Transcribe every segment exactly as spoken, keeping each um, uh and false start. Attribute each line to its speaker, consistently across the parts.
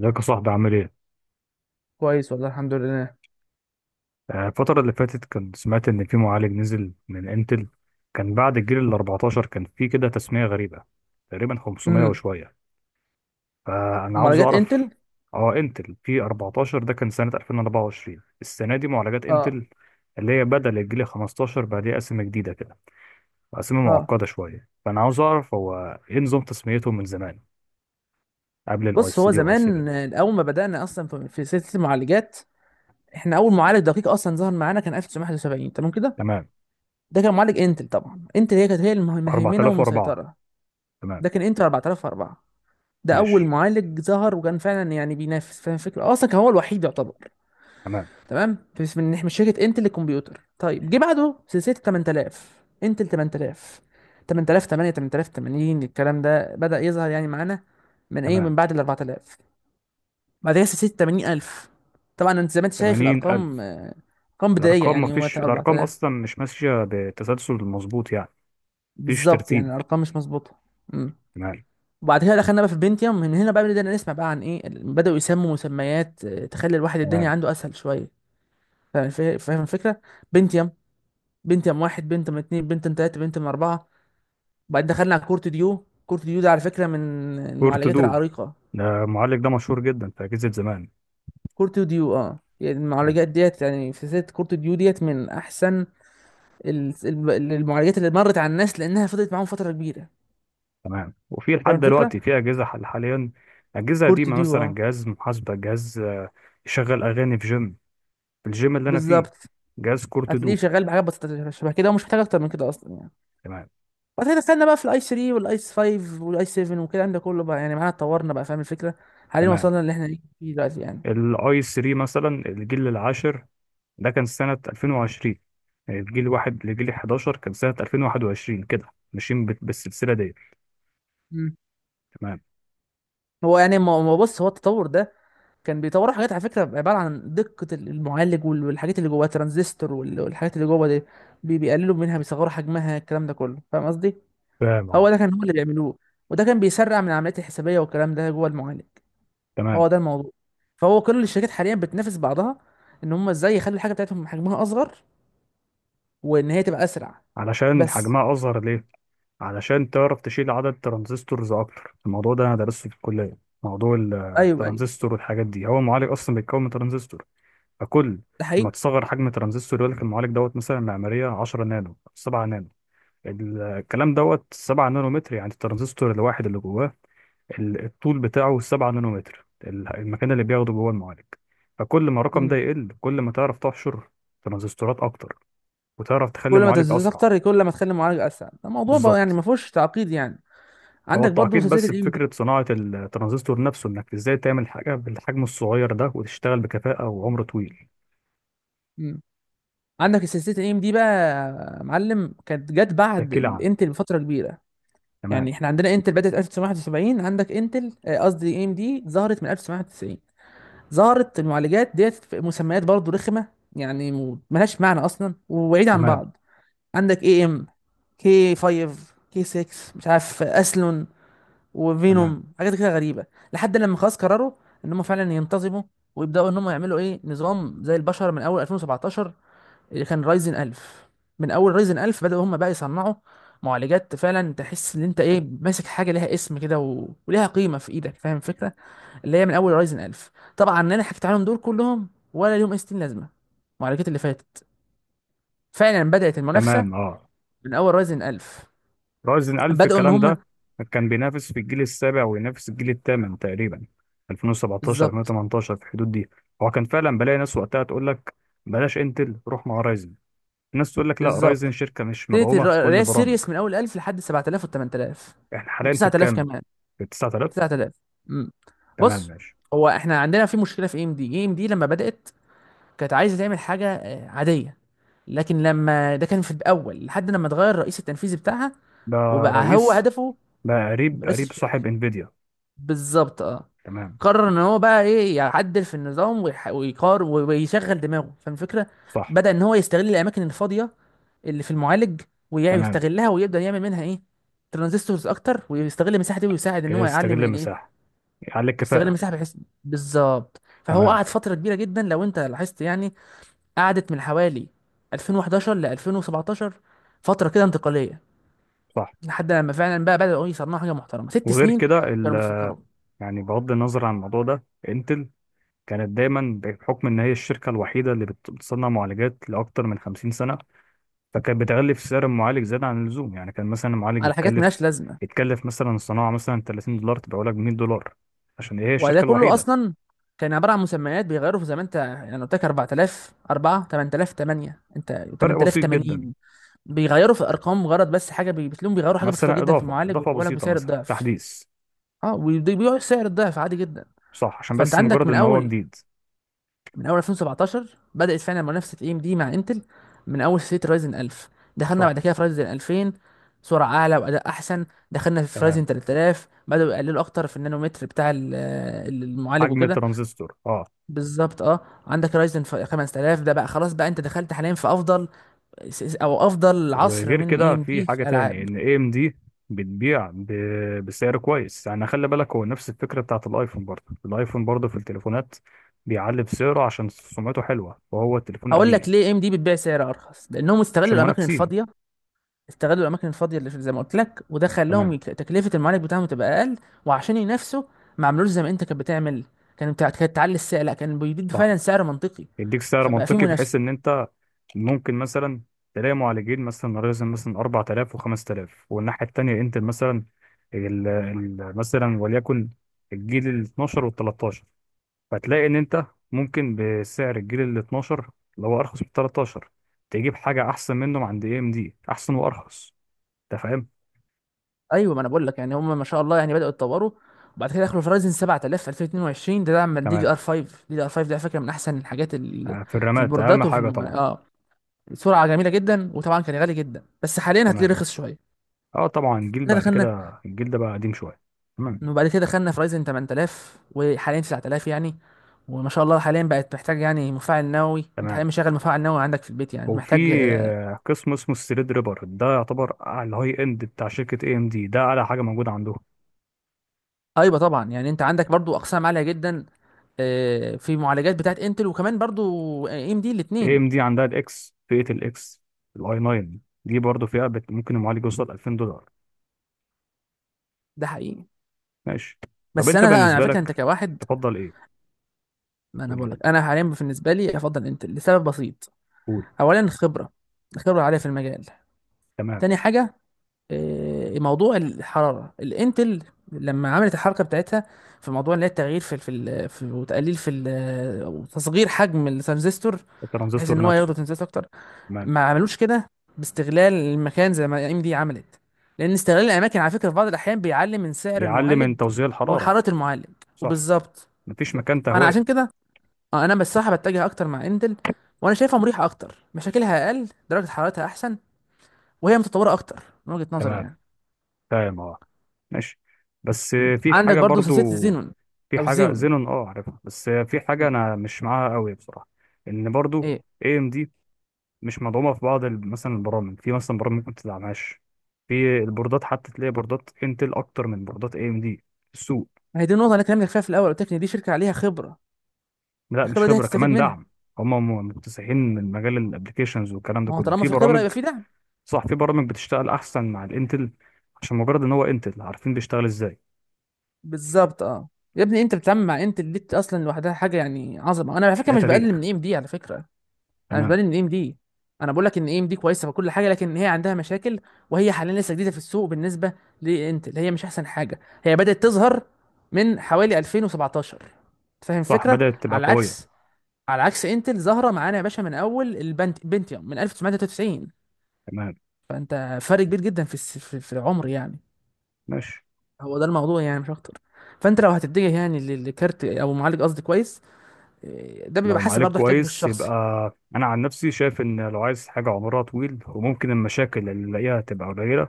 Speaker 1: ازيك يا صاحبي عامل ايه؟
Speaker 2: كويس والله الحمد لله.
Speaker 1: آه، الفترة اللي فاتت كنت سمعت إن في معالج نزل من انتل. كان بعد الجيل ال أربعتاشر كان في كده تسمية غريبة، تقريبا خمسمائة
Speaker 2: امم.
Speaker 1: وشوية. فأنا عاوز
Speaker 2: معالجات
Speaker 1: أعرف.
Speaker 2: انتل.
Speaker 1: اه انتل في أربعة عشر ده كان سنة ألفين وأربعة وعشرين. السنة دي معالجات
Speaker 2: اه.
Speaker 1: انتل اللي هي بدل الجيل خمستاشر، بقى ليها أسامي جديدة كده. أسامي
Speaker 2: اه.
Speaker 1: معقدة شوية، فأنا عاوز أعرف هو ايه نظام تسميتهم من زمان قبل الاي
Speaker 2: بص،
Speaker 1: اس
Speaker 2: هو
Speaker 1: دي واي سبعة.
Speaker 2: زمان، آه، اول ما بدانا اصلا في في سلسله المعالجات. احنا اول معالج دقيق اصلا ظهر معانا كان ألف وتسعمية واحد وسبعين. تمام كده.
Speaker 1: تمام.
Speaker 2: ده كان معالج انتل، طبعا انتل هي كانت هي المه- المهيمنه
Speaker 1: أربعة آلاف وأربعة.
Speaker 2: والمسيطره.
Speaker 1: تمام.
Speaker 2: ده كان انتل أربعة آلاف وأربعة. ده
Speaker 1: ماشي.
Speaker 2: اول معالج ظهر، وكان فعلا يعني بينافس، فاهم الفكره؟ اصلا كان هو الوحيد يعتبر.
Speaker 1: تمام.
Speaker 2: تمام، بس من من شركه انتل للكمبيوتر. طيب، جه بعده سلسله ثمانية، انتل ثمانية، ثمانية آلاف وثمانية، ثمانية آلاف وثمانين، الكلام ده بدا يظهر يعني معانا من ايه،
Speaker 1: تمام.
Speaker 2: من بعد ال أربعة آلاف. بعد كده سلسله ثمانين ألف. طبعا انت زي ما انت شايف الارقام،
Speaker 1: ثمانين ألف.
Speaker 2: آه، ارقام بدائيه،
Speaker 1: الارقام
Speaker 2: يعني هو
Speaker 1: مفيش الارقام
Speaker 2: أربعة آلاف.
Speaker 1: اصلا، مش ماشيه بتسلسل مظبوط يعني. مفيش
Speaker 2: بالظبط، يعني
Speaker 1: ترتيب.
Speaker 2: الارقام مش مظبوطه. امم.
Speaker 1: تمام.
Speaker 2: وبعد كده دخلنا بقى في البنتيوم. من هنا بقى بدأنا نسمع بقى عن ايه، بدأوا يسموا مسميات آه، تخلي الواحد الدنيا
Speaker 1: تمام.
Speaker 2: عنده اسهل شويه. فا- فا- فاهم الفكره؟ بنتيوم. بنتيوم واحد، بنتيوم اتنين، بنتيوم تلاته، بنتيوم اربعه. بعدين دخلنا على كورت ديو. كورت ديو ده على فكرة من المعالجات
Speaker 1: كورتودو.
Speaker 2: العريقة.
Speaker 1: ده المعالج ده مشهور جدا في اجهزه زمان.
Speaker 2: كورت ديو، اه يعني
Speaker 1: ماشي.
Speaker 2: المعالجات ديت، يعني في سلسلة كورت ديو ديت من أحسن ال- الب- المعالجات اللي مرت على الناس، لأنها فضلت معاهم فترة كبيرة.
Speaker 1: تمام. وفي
Speaker 2: فاهم
Speaker 1: لحد
Speaker 2: الفكرة؟
Speaker 1: دلوقتي في اجهزه حل حاليا، اجهزه
Speaker 2: كورت
Speaker 1: قديمه،
Speaker 2: ديو
Speaker 1: مثلا
Speaker 2: اه.
Speaker 1: جهاز محاسبه، جهاز آه، يشغل اغاني في جيم. في الجيم اللي انا فيه.
Speaker 2: بالظبط.
Speaker 1: جهاز
Speaker 2: هتلاقيه
Speaker 1: كورتودو.
Speaker 2: شغال بحاجات بسيطة شبه كده، ومش محتاج أكتر من كده أصلا يعني.
Speaker 1: تمام.
Speaker 2: بعد كده دخلنا بقى في الأي ثلاثة والأي خمسة والأي سبعة وكده، ده كله بقى يعني معانا، اتطورنا بقى، فاهم الفكرة؟ حاليا
Speaker 1: تمام.
Speaker 2: وصلنا اللي احنا فيه دلوقتي يعني.
Speaker 1: الاي آي ثري مثلا الجيل العاشر ده كان سنه ألفين وعشرين. الجيل واحد لجيل حداشر كان سنه ألفين وواحد وعشرين، كده ماشيين بال- بالسلسله دي.
Speaker 2: مم.
Speaker 1: تمام.
Speaker 2: هو يعني ما ما بص، هو التطور ده كان بيطوروا حاجات، على فكره عباره عن دقه المعالج وال- والحاجات اللي جواه ترانزستور وال- والحاجات اللي جوه دي بي- بيقللوا منها، بيصغروا حجمها، الكلام ده كله، فاهم قصدي؟
Speaker 1: فاهم
Speaker 2: هو
Speaker 1: اه.
Speaker 2: ده كان هو اللي بيعملوه. وده كان بيسرع من العمليات الحسابيه والكلام ده جوه المعالج.
Speaker 1: تمام.
Speaker 2: هو ده الموضوع. فهو كل الشركات حاليا بتنافس بعضها، ان هم ازاي يخلوا الحاجه بتاعتهم حجمها اصغر، وان هي تبقى اسرع.
Speaker 1: علشان
Speaker 2: بس.
Speaker 1: حجمها اصغر ليه؟ علشان تعرف تشيل عدد ترانزستورز اكتر. الموضوع ده انا درسته في الكليه. موضوع ال-
Speaker 2: ايوه، ايوه.
Speaker 1: الترانزستور والحاجات دي. هو المعالج اصلا بيتكون من ترانزستور. فكل
Speaker 2: ده
Speaker 1: ما
Speaker 2: حقيقي.
Speaker 1: تصغر حجم ترانزستور، يقول لك المعالج دوت مثلا معماريه عشرة نانو سبعة نانو. ال- الكلام دوت سبعة نانو متر، يعني الترانزستور الواحد اللي جواه ال- الطول بتاعه سبعة نانو متر، ال- المكان اللي بياخده جوه المعالج. فكل ما الرقم ده
Speaker 2: مم.
Speaker 1: يقل، كل ما تعرف تحشر ترانزستورات اكتر، وتعرف تخلي
Speaker 2: كل ما
Speaker 1: معالج
Speaker 2: تزيد
Speaker 1: اسرع.
Speaker 2: اكتر، كل ما تخلي المعالج اسرع. ده موضوع بقى يعني
Speaker 1: بالظبط.
Speaker 2: ما فيهوش تعقيد يعني.
Speaker 1: هو
Speaker 2: عندك برضو
Speaker 1: التعقيد
Speaker 2: سلسله
Speaker 1: بس
Speaker 2: الام دي.
Speaker 1: بفكره صناعه الترانزستور نفسه، انك ازاي تعمل حاجه بالحجم الصغير ده وتشتغل بكفاءه وعمر طويل.
Speaker 2: عندك السلسله الايم دي بقى، يا معلم، كانت جت بعد
Speaker 1: احكي لي عنه.
Speaker 2: الانتل بفتره كبيره.
Speaker 1: تمام.
Speaker 2: يعني احنا عندنا انتل بدات ألف وتسعمية واحد وسبعين، عندك انتل، آه، قصدي ايم دي، ظهرت من ألف وتسعمية واحد وتسعين. ظهرت المعالجات ديت في مسميات برضه رخمه، يعني م- ملهاش معنى اصلا وبعيد عن
Speaker 1: تمام.
Speaker 2: بعض. عندك اي ام كي خمسة، كي ستة، مش عارف اسلون،
Speaker 1: تمام.
Speaker 2: وفينوم، حاجات كده غريبه. لحد لما خلاص قرروا ان هم فعلا ينتظموا، ويبداوا ان هم يعملوا ايه نظام زي البشر من اول ألفين وسبعتاشر، اللي كان رايزن ألف. من اول رايزن ألف بدأوا هم بقى يصنعوا معالجات فعلا تحس ان انت ايه، ماسك حاجه ليها اسم كده و... وليها قيمه في ايدك، فاهم الفكره؟ اللي هي من اول رايزن ألف. طبعا انا حكيت عليهم دول كلهم، ولا ليهم اي ستين لازمه. المعالجات اللي فاتت، فعلا بدأت
Speaker 1: تمام.
Speaker 2: المنافسه
Speaker 1: اه.
Speaker 2: من اول رايزن ألف.
Speaker 1: رايزن ألف،
Speaker 2: بدأوا ان
Speaker 1: الكلام
Speaker 2: هم
Speaker 1: ده كان بينافس في الجيل السابع وينافس الجيل الثامن تقريبا، ألفين وسبعتاشر
Speaker 2: بالظبط.
Speaker 1: ألفين وتمنتاشر، في الحدود دي. هو كان فعلا بلاقي ناس وقتها تقول لك بلاش انتل روح مع رايزن. ناس تقول لك لا، رايزن
Speaker 2: بالظبط.
Speaker 1: شركه مش
Speaker 2: ابتدت
Speaker 1: مدعومه في
Speaker 2: الر-
Speaker 1: كل
Speaker 2: اللي هي
Speaker 1: البرامج.
Speaker 2: السيريس من اول ألف لحد سبعة آلاف و8000
Speaker 1: احنا حاليا في
Speaker 2: و9000
Speaker 1: الكام؟
Speaker 2: كمان.
Speaker 1: في تسعتلاف.
Speaker 2: تسعة آلاف. امم.
Speaker 1: تمام
Speaker 2: بص،
Speaker 1: ماشي.
Speaker 2: هو احنا عندنا في مشكله في اي ام دي. اي ام دي لما بدات كانت عايزه تعمل حاجه آه، عاديه، لكن لما ده كان في الاول، لحد لما اتغير الرئيس التنفيذي بتاعها
Speaker 1: ده
Speaker 2: وبقى هو
Speaker 1: رئيس؟
Speaker 2: هدفه،
Speaker 1: لا، قريب
Speaker 2: رئيس
Speaker 1: قريب
Speaker 2: الشركه،
Speaker 1: صاحب انفيديا.
Speaker 2: بالظبط اه.
Speaker 1: تمام.
Speaker 2: قرر ان هو بقى ايه، يعدل في النظام ويح- ويقار ويشغل دماغه، فاهم الفكره؟
Speaker 1: صح.
Speaker 2: بدأ ان هو يستغل الاماكن الفاضيه اللي في المعالج،
Speaker 1: تمام.
Speaker 2: ويستغلها ويبدأ يعمل منها ايه، ترانزستورز اكتر، ويستغل المساحه دي، ويساعد ان
Speaker 1: كده
Speaker 2: هو يعلم
Speaker 1: يستغل
Speaker 2: من الايه.
Speaker 1: المساحه، يعلي
Speaker 2: يستغل
Speaker 1: الكفاءه.
Speaker 2: المساحه بحيث بالظبط. فهو
Speaker 1: تمام.
Speaker 2: قعد فتره كبيره جدا لو انت لاحظت يعني، قعدت من حوالي ألفين وحداشر ل ألفين وسبعتاشر، فترة كده انتقالية،
Speaker 1: صح.
Speaker 2: لحد لما فعلا بقى بدأوا يصنعوا حاجة محترمة. ست
Speaker 1: وغير
Speaker 2: سنين
Speaker 1: كده ال...
Speaker 2: كانوا بيفكروا
Speaker 1: يعني بغض النظر عن الموضوع ده، انتل كانت دايما بحكم ان هي الشركه الوحيده اللي بت- بتصنع معالجات لاكتر من خمسين سنه. فكانت بتغلي في سعر المعالج زياده عن اللزوم، يعني كان مثلا المعالج
Speaker 2: على حاجات
Speaker 1: يتكلف،
Speaker 2: ملهاش لازمة.
Speaker 1: يتكلف مثلا الصناعه مثلا تلاتين دولار، تبقى لك ميه دولار، عشان هي
Speaker 2: وده
Speaker 1: الشركه
Speaker 2: كله
Speaker 1: الوحيده.
Speaker 2: أصلا كان عبارة عن مسميات بيغيروا في، زي ما أنت يعني قلت لك أربعة آلاف، أربعة، ثمانية آلاف، ثمانية، أنت
Speaker 1: فرق بسيط جدا.
Speaker 2: ثمانية آلاف وثمانين، بيغيروا في الأرقام مجرد. بس حاجة بي- بتلاقيهم بيغيروا حاجة بسيطة
Speaker 1: مثلا
Speaker 2: جدا في
Speaker 1: اضافه
Speaker 2: المعالج،
Speaker 1: اضافه
Speaker 2: ويبيعوا لك
Speaker 1: بسيطه،
Speaker 2: بسعر
Speaker 1: مثلا
Speaker 2: الضعف.
Speaker 1: تحديث.
Speaker 2: أه، وبيبيعوا سعر الضعف عادي جدا.
Speaker 1: صح، عشان
Speaker 2: فأنت
Speaker 1: بس
Speaker 2: عندك
Speaker 1: مجرد
Speaker 2: من
Speaker 1: ان هو
Speaker 2: أول،
Speaker 1: جديد.
Speaker 2: من اول ألفين وسبعة عشر بدات فعلا منافسه اي ام دي مع انتل، من اول سلسله رايزن ألف. دخلنا
Speaker 1: صح.
Speaker 2: بعد كده في رايزن ألفين، سرعه اعلى واداء احسن. دخلنا في
Speaker 1: تمام.
Speaker 2: رايزن تلت تلاف، بداوا يقللوا اكتر في النانومتر بتاع ال- المعالج
Speaker 1: حجم
Speaker 2: وكده.
Speaker 1: الترانزستور اه.
Speaker 2: بالظبط اه. عندك رايزن خمسة آلاف، ده بقى خلاص بقى انت دخلت حاليا في افضل، س- س- او افضل عصر
Speaker 1: وغير
Speaker 2: من اي
Speaker 1: كده
Speaker 2: ام
Speaker 1: في
Speaker 2: دي في
Speaker 1: حاجه تاني،
Speaker 2: الالعاب.
Speaker 1: ان اي ام دي بتبيع ب... بسعر كويس. يعني خلي بالك، هو نفس الفكره بتاعت الايفون. برضه الايفون، برضه في التليفونات بيعلي في سعره عشان سمعته حلوه وهو التليفون
Speaker 2: هقول لك
Speaker 1: قديم.
Speaker 2: ليه اي ام دي بتبيع سعر ارخص، لانهم استغلوا
Speaker 1: عشان
Speaker 2: الاماكن
Speaker 1: منافسين.
Speaker 2: الفاضيه. استغلوا الاماكن الفاضيه اللي زي ما قلت لك، وده خلاهم
Speaker 1: تمام.
Speaker 2: يك- تكلفه المعالج بتاعهم تبقى اقل، وعشان ينافسوا ما عملوش زي ما انت كانت بتعمل. كان بتاع كانت تعلي السعر، لا، كان بيديك
Speaker 1: صح.
Speaker 2: فعلا سعر منطقي،
Speaker 1: يديك سعر
Speaker 2: فبقى في
Speaker 1: منطقي بحيث
Speaker 2: منافسه.
Speaker 1: ان انت ممكن مثلا تلاقي معالجين، مثلا ريزن مثلا أربعة آلاف و5000، والناحية التانية انت مثلا ال ال مثلا وليكن الجيل ال اثنا عشر وال تلتاشر. فتلاقي ان انت ممكن بسعر الجيل ال اثنا عشر اللي هو ارخص من ال تلتاشر تجيب حاجة احسن منهم عند اي ام دي، احسن وارخص. انت فاهم.
Speaker 2: ايوه، ما انا بقول لك يعني هم ما شاء الله يعني بداوا يتطوروا. وبعد كده دخلوا فرايزن سبعة آلاف في ألفين واتنين وعشرين، ده دعم دي دي
Speaker 1: تمام.
Speaker 2: ار خمسة. دي دي ار خمسة ده على فكره من احسن الحاجات ال-
Speaker 1: آه، في
Speaker 2: في
Speaker 1: الرامات اهم
Speaker 2: البوردات، وفي
Speaker 1: حاجة
Speaker 2: الم...
Speaker 1: طبعا.
Speaker 2: اه سرعه جميله جدا، وطبعا كان غالي جدا، بس حاليا هتلاقيه
Speaker 1: تمام
Speaker 2: رخص شويه.
Speaker 1: اه. طبعا الجيل
Speaker 2: احنا
Speaker 1: بعد
Speaker 2: دخلنا،
Speaker 1: كده، الجيل ده بقى قديم شوية. تمام.
Speaker 2: وبعد كده دخلنا في رايزن ثمانية آلاف، وحاليا تسعة آلاف يعني. وما شاء الله حاليا بقت محتاج يعني مفاعل نووي، انت حاليا
Speaker 1: تمام.
Speaker 2: مشغل مفاعل نووي عندك في البيت يعني،
Speaker 1: وفي
Speaker 2: محتاج آه،
Speaker 1: آه، قسم اسمه الثريد ريبر، ده يعتبر على الهاي اند بتاع شركة اي ام دي، ده اعلى حاجة موجودة عندهم.
Speaker 2: ايوه طبعا. يعني انت عندك برضو اقسام عاليه جدا، آه، في معالجات بتاعت انتل، وكمان برضو اي ام دي،
Speaker 1: اي
Speaker 2: الاثنين.
Speaker 1: ام دي عندها الاكس، فئة الاكس، الاي آي ناين، دي برضه فئة بت- ممكن المعالج يوصل ألفين دولار.
Speaker 2: ده حقيقي.
Speaker 1: ماشي. طب
Speaker 2: بس
Speaker 1: انت
Speaker 2: انا انا على
Speaker 1: بالنسبة
Speaker 2: فكره انت
Speaker 1: لك
Speaker 2: كواحد،
Speaker 1: تفضل ايه؟
Speaker 2: ما انا
Speaker 1: قول لي
Speaker 2: بقول
Speaker 1: كده.
Speaker 2: لك، انا حاليا بالنسبه لي افضل انتل لسبب بسيط.
Speaker 1: قول.
Speaker 2: اولا خبره، خبره عاليه في المجال.
Speaker 1: تمام.
Speaker 2: تاني حاجه، آه، موضوع الحرارة. الانتل لما عملت الحركة بتاعتها في موضوع اللي هي التغيير في في, ال- في وتقليل في ال- أو تصغير حجم الترانزستور، بحيث ان
Speaker 1: الترانزستور
Speaker 2: هو
Speaker 1: نفسه.
Speaker 2: ياخدوا ترانزستور اكتر،
Speaker 1: تمام.
Speaker 2: ما عملوش كده باستغلال المكان زي ما ام دي عملت، لان استغلال الاماكن على فكرة في بعض الاحيان بيعلي من سعر
Speaker 1: بيعلي من
Speaker 2: المعالج
Speaker 1: توزيع الحرارة.
Speaker 2: وحرارة المعالج.
Speaker 1: صح.
Speaker 2: وبالظبط
Speaker 1: مفيش
Speaker 2: بالظبط.
Speaker 1: مكان
Speaker 2: فانا عشان
Speaker 1: تهوية.
Speaker 2: كده آه، انا بصراحة بتجه اكتر مع انتل، وانا شايفها مريحة اكتر، مشاكلها اقل، درجة حرارتها احسن، وهي متطورة اكتر من وجهة نظري
Speaker 1: تمام.
Speaker 2: يعني.
Speaker 1: فاهم اه. ماشي. بس
Speaker 2: مم.
Speaker 1: آه، في
Speaker 2: عندك
Speaker 1: حاجة
Speaker 2: برضو
Speaker 1: برضو.
Speaker 2: سلسله الزينون
Speaker 1: في
Speaker 2: او
Speaker 1: حاجه
Speaker 2: زيون.
Speaker 1: زينون اه عارفها، بس في حاجه
Speaker 2: مم.
Speaker 1: انا مش معاها قوي بصراحه. ان برضو
Speaker 2: ايه.
Speaker 1: اي ام دي مش مدعومه في بعض ال- مثلا البرامج. في مثلا برامج ممكن تدعمهاش. في البوردات حتى تلاقي بوردات انتل اكتر من بوردات اي ام دي في السوق.
Speaker 2: ما هي دي النقطه اللي أنا كلمتك فيها في الاول، قلت لك ان دي شركه عليها خبره.
Speaker 1: لا، مش
Speaker 2: الخبره دي
Speaker 1: خبره،
Speaker 2: هتستفيد
Speaker 1: كمان
Speaker 2: منها.
Speaker 1: دعم. هم م- مكتسحين من مجال الابلكيشنز والكلام ده
Speaker 2: ما هو
Speaker 1: كله
Speaker 2: طالما
Speaker 1: في
Speaker 2: في خبره
Speaker 1: برامج.
Speaker 2: يبقى في دعم.
Speaker 1: صح. في برامج بتشتغل احسن مع الانتل، عشان مجرد ان هو انتل عارفين بيشتغل ازاي.
Speaker 2: بالظبط اه. يا ابني، انت بتتعامل مع انت اللي دي، اصلا لوحدها حاجه يعني عظمه. انا على فكره
Speaker 1: ده
Speaker 2: مش بقلل من
Speaker 1: تاريخ.
Speaker 2: اي ام دي، على فكره انا مش
Speaker 1: تمام.
Speaker 2: بقلل من اي ام دي، انا بقول لك ان اي ام دي كويسه وكل حاجه، لكن هي عندها مشاكل، وهي حاليا لسه جديده في السوق بالنسبه لانتل. هي مش احسن حاجه، هي بدات تظهر من حوالي ألفين وسبعتاشر، أنت فاهم
Speaker 1: صح،
Speaker 2: الفكره؟
Speaker 1: بدأت تبقى
Speaker 2: على
Speaker 1: قويه.
Speaker 2: عكس، على عكس انتل ظاهره معانا يا باشا من اول البنت بنتيوم من ألف وتسعمائة وثلاثة وتسعين.
Speaker 1: تمام.
Speaker 2: فانت فرق كبير جدا في الس- في في العمر يعني.
Speaker 1: ماشي.
Speaker 2: هو ده الموضوع يعني، مش اكتر. فانت لو هتتجه يعني ل- لكارت او معالج قصدي كويس، إيه، ده بيبقى
Speaker 1: لو
Speaker 2: حسب
Speaker 1: معالج
Speaker 2: برضه احتياجك
Speaker 1: كويس، يبقى
Speaker 2: الشخصي.
Speaker 1: انا عن نفسي شايف ان لو عايز حاجه عمرها طويل وممكن المشاكل اللي نلاقيها تبقى قليله،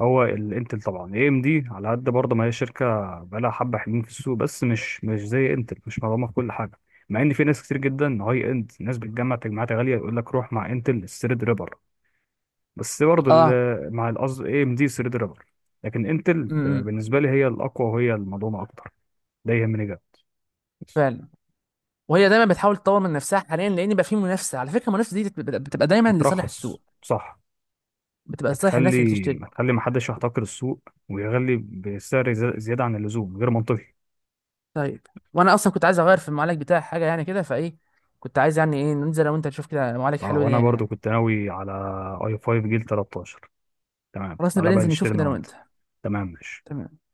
Speaker 1: هو الانتل طبعا. اي ام دي على قد برضه ما هي شركه بقالها حبه حلوين في السوق، بس مش مش زي انتل، مش مضمونه في كل حاجه. مع ان في ناس كتير جدا هاي اند، ناس بتجمع تجمعات غاليه، يقول لك روح مع انتل الثريد ريبر. بس برضه
Speaker 2: اه.
Speaker 1: ال- مع القصد اي ام دي الثريد ريبر. لكن انتل
Speaker 2: امم.
Speaker 1: بالنسبه لي هي الاقوى، وهي المضمونه اكتر. ده يهمني جدا. بس
Speaker 2: فعلا. وهي دايما بتحاول تطور من نفسها، حاليا لان بقى في منافسه. على فكره المنافسه دي بت- بت- بتبقى دايما لصالح
Speaker 1: بترخص
Speaker 2: السوق،
Speaker 1: صح.
Speaker 2: بتبقى لصالح الناس اللي
Speaker 1: هتخلي
Speaker 2: بتشتري.
Speaker 1: هتخلي محدش يحتكر السوق ويغلي بسعر زي- زيادة عن اللزوم غير منطقي.
Speaker 2: طيب، وانا اصلا كنت عايز اغير في المعالج بتاعي حاجه يعني كده فايه. كنت عايز يعني ايه، ننزل لو انت تشوف كده معالج
Speaker 1: اه،
Speaker 2: حلو ده
Speaker 1: وانا برضو
Speaker 2: يعني،
Speaker 1: كنت ناوي على اي آي فايف جيل تلتاشر. تمام.
Speaker 2: خلاص نبقى
Speaker 1: تعالى بقى
Speaker 2: ننزل
Speaker 1: نشتري
Speaker 2: نشوف
Speaker 1: انا
Speaker 2: كده لو
Speaker 1: وانت.
Speaker 2: انت.
Speaker 1: تمام ماشي
Speaker 2: تمام.